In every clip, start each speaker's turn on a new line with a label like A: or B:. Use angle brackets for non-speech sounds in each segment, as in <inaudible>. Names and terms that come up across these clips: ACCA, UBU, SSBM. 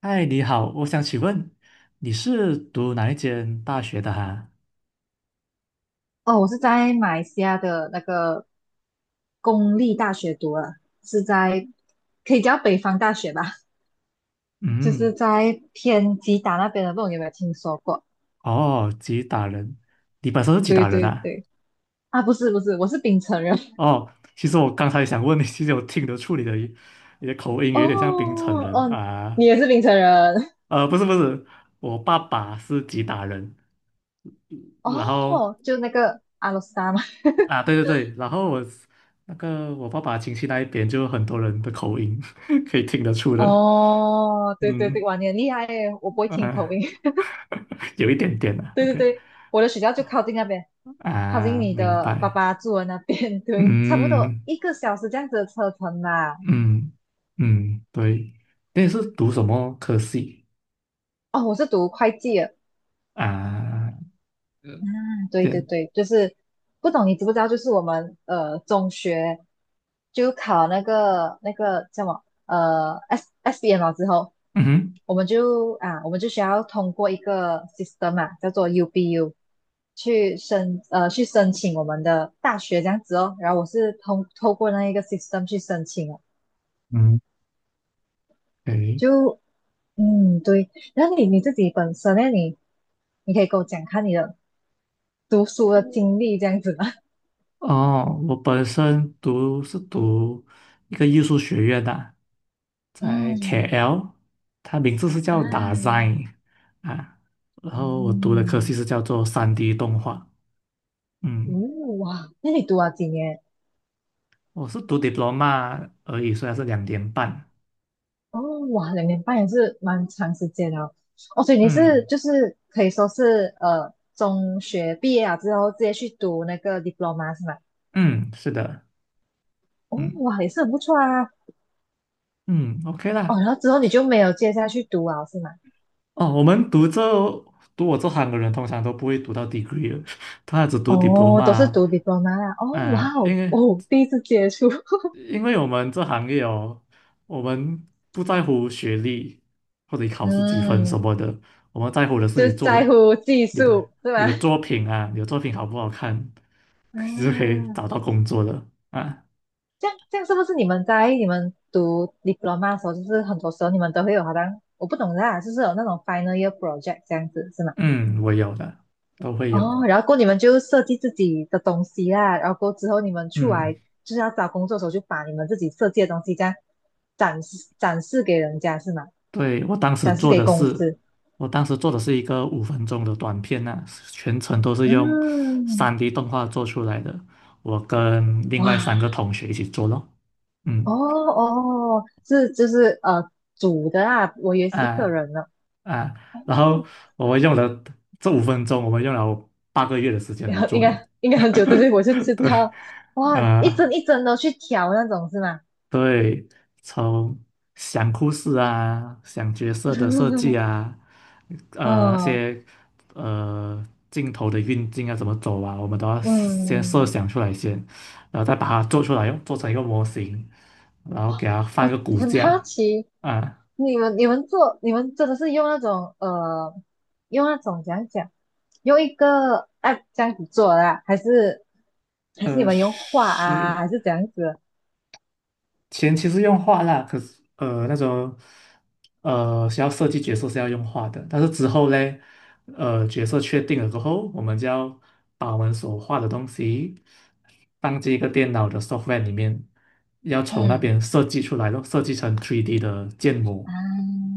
A: 嗨，你好，我想请问你是读哪一间大学的哈？
B: 哦，我是在马来西亚的那个公立大学读了，是在可以叫北方大学吧，<laughs> 就是
A: 嗯，
B: 在偏吉打那边的，不懂有没有听说过？
A: 哦，吉打人，你本身是吉
B: 对
A: 打人
B: 对
A: 啊？
B: 对，啊，不是不是，我是槟城人。
A: 哦，其实我刚才想问你，其实我听得出你的口
B: <laughs>
A: 音
B: 哦
A: 有点像槟城人
B: 嗯，
A: 啊。
B: 你也是槟城人？
A: 不是不是，我爸爸是吉打人，
B: <laughs>
A: 然后
B: 哦，就那个阿罗斯达嘛。
A: 啊，对对对，然后我那个我爸爸亲戚那一边就很多人的口音 <laughs> 可以听得出的，
B: 哦，对对对，
A: 嗯
B: 哇，你很厉害耶，我不会听口
A: 啊，
B: 音。
A: 有一点点
B: <laughs>
A: 啊
B: 对对
A: ，OK。
B: 对，我的学校就靠近那边，靠近
A: 啊，
B: 你
A: 明
B: 的爸
A: 白。
B: 爸住的那边，<laughs> 对，差不多
A: 嗯
B: 一个小时这样子的车程吧。
A: 嗯嗯，对。那你是读什么科系
B: 哦，我是读会计的。
A: 啊？
B: 嗯，
A: 嗯
B: 对对
A: 对，
B: 对，就是不懂你知不知道？就是我们中学就考那个叫什么SSBM 了之后，
A: 嗯哼
B: 我们就需要通过一个 system 嘛、叫做 UBU 去申请我们的大学这样子哦。然后我是透过那一个 system 去申请哦，
A: 嗯，诶，
B: 就嗯对。然后你自己本身呢，你可以跟我讲看你的读书的经历这样子吗？
A: 哦，我本身读是读一个艺术学院的，在
B: 嗯
A: KL，它名字是
B: 啊，
A: 叫 Design 啊，然后我读的科系
B: 嗯，
A: 是叫做三 d 动画。嗯，
B: 嗯哇，那你读了几年？
A: 我是读 diploma 而已，虽然是2年半。
B: 哦，哇，2年半也是蛮长时间了。哦，所以你是
A: 嗯
B: 就是可以说是中学毕业了之后直接去读那个 diploma 是吗？
A: 嗯，是的。
B: 哦，
A: 嗯
B: 哇，也是很不错啊。
A: 嗯，OK
B: 哦，
A: 啦。
B: 然后之后你就没有接下去读啊，是吗？
A: 哦，我们读我这行的人通常都不会读到 degree 的 <laughs> 他只读 diploma
B: 哦，都是
A: 啊。
B: 读 diploma 啦。哦，哇
A: 呃因
B: 哦，
A: 为
B: 哦，第一次接触，
A: 因为我们这行业哦，我们不在乎学历或者你
B: <laughs>
A: 考试几分什
B: 嗯，
A: 么的，我们在乎的
B: 就
A: 是你
B: 是
A: 做
B: 在
A: 的
B: 乎技
A: 你的
B: 术是
A: 你
B: 吧？
A: 的作品啊，你的作品好不好看，<laughs> 你是可以
B: 嗯。
A: 找到工作的啊。
B: 这样是不是你们读 diploma 的时候，就是很多时候你们都会有好像我不懂啦，就是有那种 final year project 这样子是吗？
A: 嗯，我有的，都会有。
B: 哦，然后过后你们就设计自己的东西啦，然后过后之后你们出来
A: 嗯。
B: 就是要找工作的时候，就把你们自己设计的东西这样展示展示给人家是吗？
A: 对，我当时
B: 展示
A: 做
B: 给
A: 的
B: 公
A: 是，
B: 司。
A: 我当时做的是一个五分钟的短片呐、全程都是用
B: 嗯，
A: 三 d 动画做出来的。我跟另外
B: 哇，
A: 三个同学一起做咯，
B: 哦
A: 嗯
B: 哦，是就是组的啊，我以为是一个
A: 啊
B: 人呢。
A: 啊，然
B: 哦，
A: 后我们用了这五分钟，我们用了8个月的时
B: <laughs>
A: 间来
B: 然后应
A: 做的。
B: 该应该很久，之前
A: <laughs>
B: 我就知
A: 对
B: 道，哇，一
A: 啊、
B: 针一针的去挑那种是吗？
A: 对，从想故事啊，想角色的设计
B: <laughs>
A: 啊，那
B: 嗯
A: 些呃镜头的运镜啊，怎么走啊，我们都要先设
B: 嗯，
A: 想出来先，然后再把它做出来，用做成一个模型，然后给它放一
B: 我
A: 个骨
B: 很好
A: 架
B: 奇，
A: 啊，
B: 你们真的是用那种用那种怎样讲，用一个 app 这样子做的啊，还是你们用画啊，
A: 是。
B: 还是怎样子？
A: 前期是用画啦，可是那种需要设计角色是要用画的，但是之后嘞，角色确定了过后，我们就要把我们所画的东西放进一个电脑的 software 里面，要从那
B: 嗯
A: 边设计出来咯，设计成 3D 的建模。
B: 啊，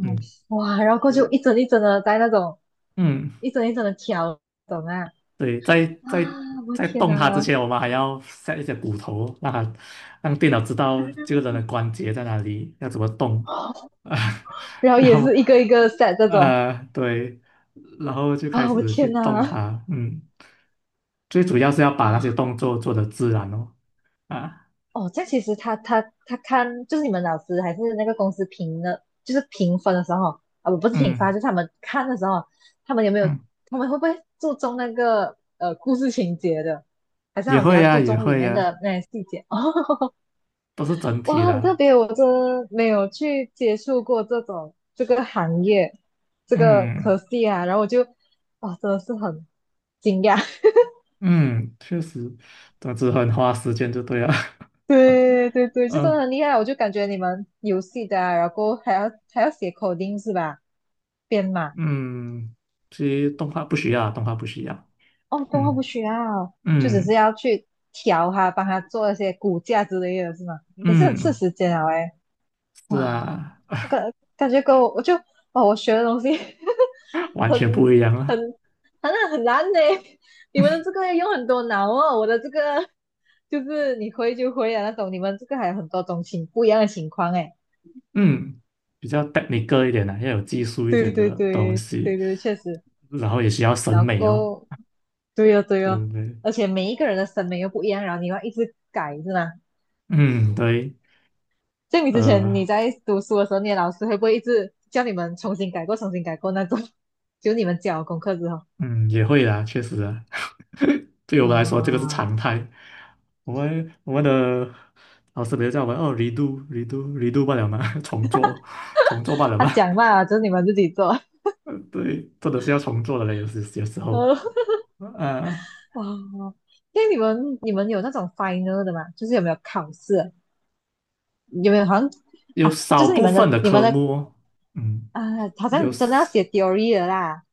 A: 嗯
B: 哇，然后过去一针一针的在那种
A: 嗯，
B: 一针一针的挑，懂啊？
A: 对，在
B: 啊，
A: 在
B: 我的
A: 在
B: 天
A: 动
B: 哪！
A: 它之前，我们还要 set 一些骨头哦，让电脑知道这个人的关节在哪里，要怎么动啊，<laughs>
B: 然后
A: 然
B: 也
A: 后
B: 是一个一个 set 这种
A: 对，然后就开
B: 啊，我
A: 始去
B: 天
A: 动
B: 哪
A: 它，嗯，最主要是要把那些
B: 啊
A: 动作做得自然哦，啊，
B: 哦，这样其实他看就是你们老师还是那个公司评的，就是评分的时候啊，不是评分啊
A: 嗯
B: 就是他们看的时候，他们有没有
A: 嗯，
B: 他们会不会注重那个故事情节的，还是他
A: 也
B: 们比
A: 会
B: 较
A: 呀、
B: 注
A: 也
B: 重里
A: 会
B: 面的
A: 呀、
B: 那些细节？<laughs> 哦，
A: 都是整体
B: 哇，很特
A: 的，
B: 别，我真的没有去接触过这种这个行业这个科
A: 嗯
B: 系啊，然后我就哇，真的是很惊讶。
A: 嗯，确实，总之很花时间就对了，
B: <laughs> 对对对，
A: <laughs>
B: 这真的
A: 嗯
B: 很厉害，我就感觉你们游戏的啊然后还要写 coding 是吧？编码
A: 嗯，其实动画不需要，动画不需要，
B: 哦，动画不
A: 嗯
B: 需要，就只是
A: 嗯
B: 要去调它，帮他做一些骨架之类的，是吗？也是很吃
A: 嗯，
B: 时间啊，哎，
A: 是
B: 哇，
A: 啊，
B: 我感觉跟我就哦，我学的东西
A: <laughs>
B: <laughs>
A: 完
B: 很
A: 全不一样
B: 很
A: 啊。
B: 很难呢。你们的这个要用很多脑哦，我的这个 <laughs> 就是你会就会啊那种，你们这个还有很多种情不一样的情况哎。
A: 嗯，比较 technical 一点的、要有技术一
B: 对对
A: 点的东
B: 对
A: 西，
B: 对对，确实。
A: 然后也需要审
B: 然
A: 美哦，
B: 后，对呀、对
A: 对
B: 呀、
A: 不对？
B: 而且每一个人的审美又不一样，然后你要一直改，是吗？
A: 嗯，对，
B: 像你之前你
A: 呃，
B: 在读书的时候，你的老师会不会一直叫你们重新改过、重新改过那种？<laughs> 就你们交功课之后，
A: 嗯，也会啦，确实啊，<laughs> 对我们来说这个是
B: 哇，
A: 常态。我们的老师比如叫我们哦，redo redo redo 罢了嘛，<laughs> 重做重做罢了
B: 他
A: 嘛，
B: 讲嘛，就是你们自己做，<laughs>
A: <laughs> 对，真的是要重做的嘞，有时候，
B: 呃，
A: 呃，
B: 哇，因为你们有那种 final 的嘛，就是有没有考试？有没有好像
A: 有
B: 啊？就
A: 少
B: 是你
A: 部
B: 们
A: 分
B: 的
A: 的
B: 你们
A: 科
B: 的
A: 目哦，嗯，
B: 啊，好
A: 有。
B: 像真的要写 theory 的啦，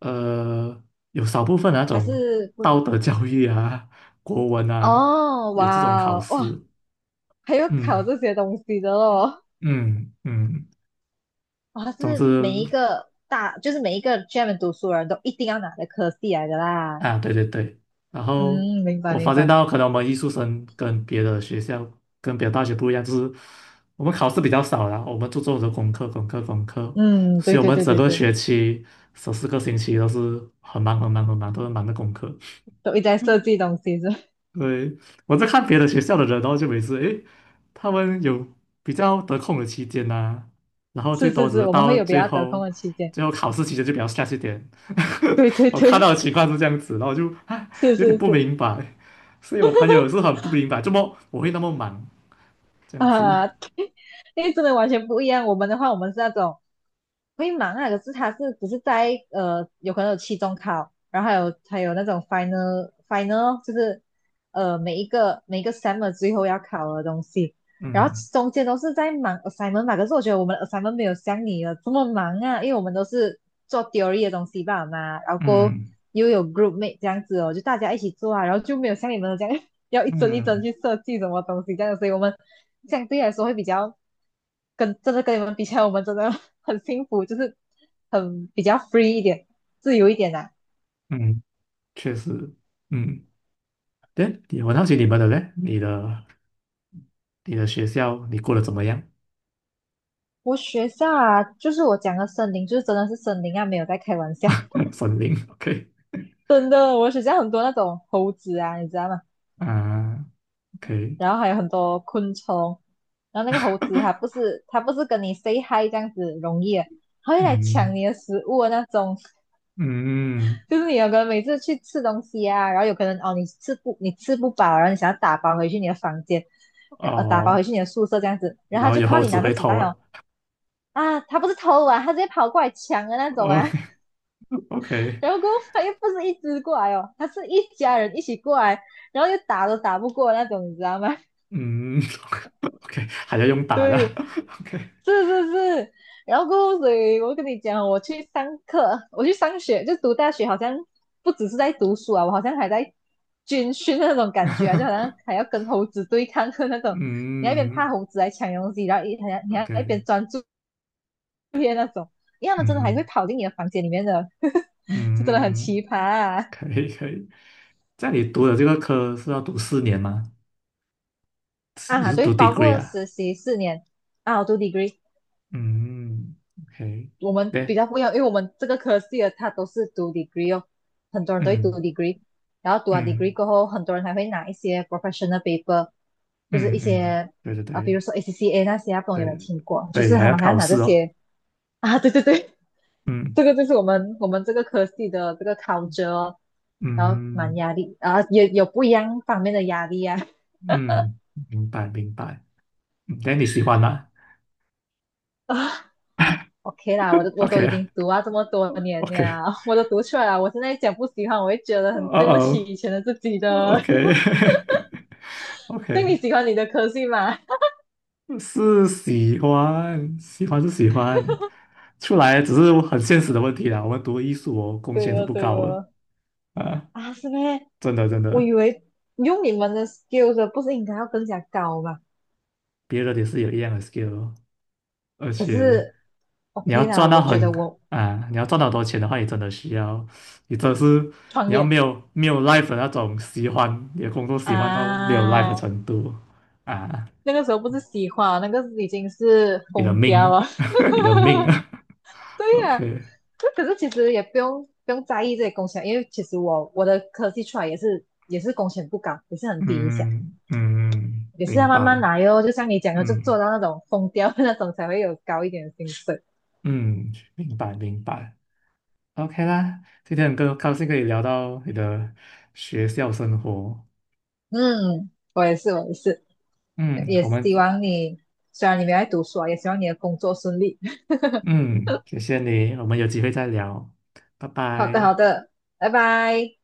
A: 呃，有少部分那
B: 还
A: 种
B: 是不
A: 道德教育啊、国文啊，
B: 哦，
A: 有这种
B: 哇
A: 考
B: 哦，哇，
A: 试。
B: 还有考
A: 嗯
B: 这些东西的哦，
A: 嗯嗯，
B: 哇，
A: 总
B: 是
A: 之
B: 每一个大，就是每一个专门读书的人都一定要拿的科系来的啦。
A: 啊，对对对。然后
B: 嗯，明白
A: 我
B: 明
A: 发现
B: 白。
A: 到，可能我们艺术生跟别的学校、跟别的大学不一样，就是我们考试比较少啦，我们注重的功课、功课、功课，
B: 嗯，
A: 所
B: 对
A: 以我
B: 对
A: 们
B: 对
A: 整
B: 对
A: 个
B: 对，
A: 学期14个星期都是很忙、很忙、很忙，都是忙的功课。
B: 都一直在设计东西是吧
A: 对，我在看别的学校的人，然后就每次诶，他们有比较得空的期间呐、然
B: <laughs>
A: 后最
B: 是
A: 多
B: 是
A: 只
B: 是，
A: 是
B: 我们
A: 到
B: 会有比
A: 最
B: 较得空
A: 后
B: 的期间。
A: 最后考试期间就比较 s t r e 一点。
B: 对
A: <laughs>
B: 对
A: 我看到
B: 对，
A: 的情况是这样子，然后我就
B: <laughs> 是
A: 有点
B: 是
A: 不
B: 是
A: 明白，所以我朋友也是很不明白，怎么我会那么忙这样子。
B: 啊，<laughs> 因为真的完全不一样。我们的话，我们是那种。会忙啊，可是他是只是在有可能有期中考，然后还有那种 final，就是每一个 summer 最后要考的东西，然后
A: 嗯
B: 中间都是在忙 assignment 吧。可是我觉得我们的 assignment 没有像你的这么忙啊，因为我们都是做 theory 的东西吧嘛，然后过后
A: 嗯
B: 又有 group mate 这样子哦，就大家一起做啊，然后就没有像你们的这样 <laughs> 要一帧一帧
A: 嗯
B: 去设计什么东西这样，所以我们相对来说会比较。真的跟你们比起来，我们真的很幸福，就是很比较 free 一点，自由一点啦、
A: 嗯，确实，嗯，对，我好奇你们的嘞，你的学校你过得怎么样？
B: 我学校啊，就是我讲的森林，就是真的是森林啊，没有在开玩笑，
A: <laughs> 森林，OK
B: <laughs> 真的，我学校很多那种猴子啊，你知道吗？
A: 啊，OK。
B: 然后还有很多昆虫，然后那个猴子它不是跟你 say hi 这样子容易的它会来抢
A: 嗯
B: 你的食物的那种。
A: 嗯
B: 就是你有可能每次去吃东西啊，然后有可能哦，你吃不饱，然后你想要打包回去你的房间，打包回
A: 哦，
B: 去你的宿舍这样子，然后
A: 然
B: 他
A: 后
B: 就
A: 以
B: 看到
A: 后
B: 你
A: 只
B: 拿着
A: 会
B: 纸
A: 投
B: 袋
A: 啊。
B: 哦，啊，他不是偷啊，他直接跑过来抢的那种
A: 哦
B: 啊，<laughs>
A: <laughs>，OK，
B: 然后过后他又不是一只过来哦，他是一家人一起过来，然后又打都打不过那种，你知道吗？
A: 嗯 <laughs>，OK，还要用打的
B: 对，
A: <laughs>，OK，
B: 是是是，然后过后所以我跟你讲，我去上课，我去上学，就读大学，好像不只是在读书啊，我好像还在军训的那种感觉啊，就好像
A: <laughs>
B: 还要跟猴子对抗的那种，你那一边
A: 嗯
B: 怕猴子来抢东西，然后一还要你还要一
A: ，OK，
B: 边专注，因为他们真的还会
A: 嗯
B: 跑进你的房间里面的，<laughs> 就真的很
A: 嗯，
B: 奇葩啊！
A: 可以可以。在你读的这个科是要读4年吗？是你
B: 啊，
A: 是
B: 对，
A: 读
B: 包
A: degree
B: 括
A: 啊？
B: 实习4年啊，我读 degree，
A: 嗯，OK，
B: 我们比
A: 对，
B: 较不一样，因为我们这个科系的它都是读 degree 哦，很多人都会读
A: 嗯
B: degree，然后读完 degree
A: 嗯
B: 过后，很多人还会拿一些 professional paper，就是一
A: 嗯嗯，
B: 些
A: 对对
B: 啊，比
A: 对
B: 如说 ACCA 那些啊，不懂有没有
A: 对
B: 听过？就
A: 对，
B: 是
A: 还
B: 他
A: 要
B: 们还要
A: 考
B: 拿这
A: 试哦。
B: 些 <laughs> 啊，对对对，
A: 嗯
B: 这个就是我们这个科系的这个 culture，哦然后蛮
A: 嗯。
B: 压力啊，也有不一样方面的压力啊。
A: 嗯，明白明白。嗯那你喜欢啦
B: <laughs> OK 啦，我都
A: o
B: 我都已
A: k
B: 经读啊这么多年
A: OK，
B: 了，<laughs> 我都读出来了。我现在讲不喜欢，我会觉得很对不起
A: 哦
B: 以前的自己
A: 哦
B: 的。
A: ，OK <laughs> OK，
B: <laughs> 所你喜欢你的科系吗？<laughs>
A: 是喜欢，喜欢是喜欢，出来只是很现实的问题啦。我们读艺术哦，工
B: 对
A: 钱是
B: 哦，
A: 不
B: 对
A: 高的
B: 哦。
A: 啊，
B: 啊，是咩？
A: 真的真
B: 我
A: 的，
B: 以为用你们的 skills 不是应该要更加高吗？
A: 别人也是有一样的 skill，哦而
B: 可
A: 且
B: 是
A: 你要
B: OK 啦，
A: 赚到
B: 我觉
A: 很
B: 得我
A: 你要赚到很多钱的话，你真的需要，你真的是
B: 创
A: 你要
B: 业
A: 没有 life 的那种喜欢，你的工作喜欢到没有 life 的
B: 啊，
A: 程度啊，
B: 那个时候不是喜欢，那个已经是
A: 你的
B: 疯掉
A: 命，
B: 了。
A: <laughs> 你的命
B: <laughs>
A: 啊
B: 对呀、
A: ，OK，
B: 那可是其实也不用在意这些工钱，因为其实我的科技出来也是工钱不高，也是很低一下，
A: 嗯嗯，
B: 也是要
A: 明
B: 慢慢
A: 白，
B: 来哟。就像你讲的，就做
A: 嗯
B: 到那种疯掉的那种才会有高一点的薪水。
A: 嗯，明白明白，OK 啦，今天很高兴可以聊到你的学校生活，
B: 嗯，我也是，我也是，
A: 嗯，
B: 也
A: 我们
B: 希望你虽然你没有在读书啊，也希望你的工作顺利。
A: 嗯，谢谢你，我们有机会再聊，拜
B: <laughs> 好的，
A: 拜。
B: 好的，拜拜。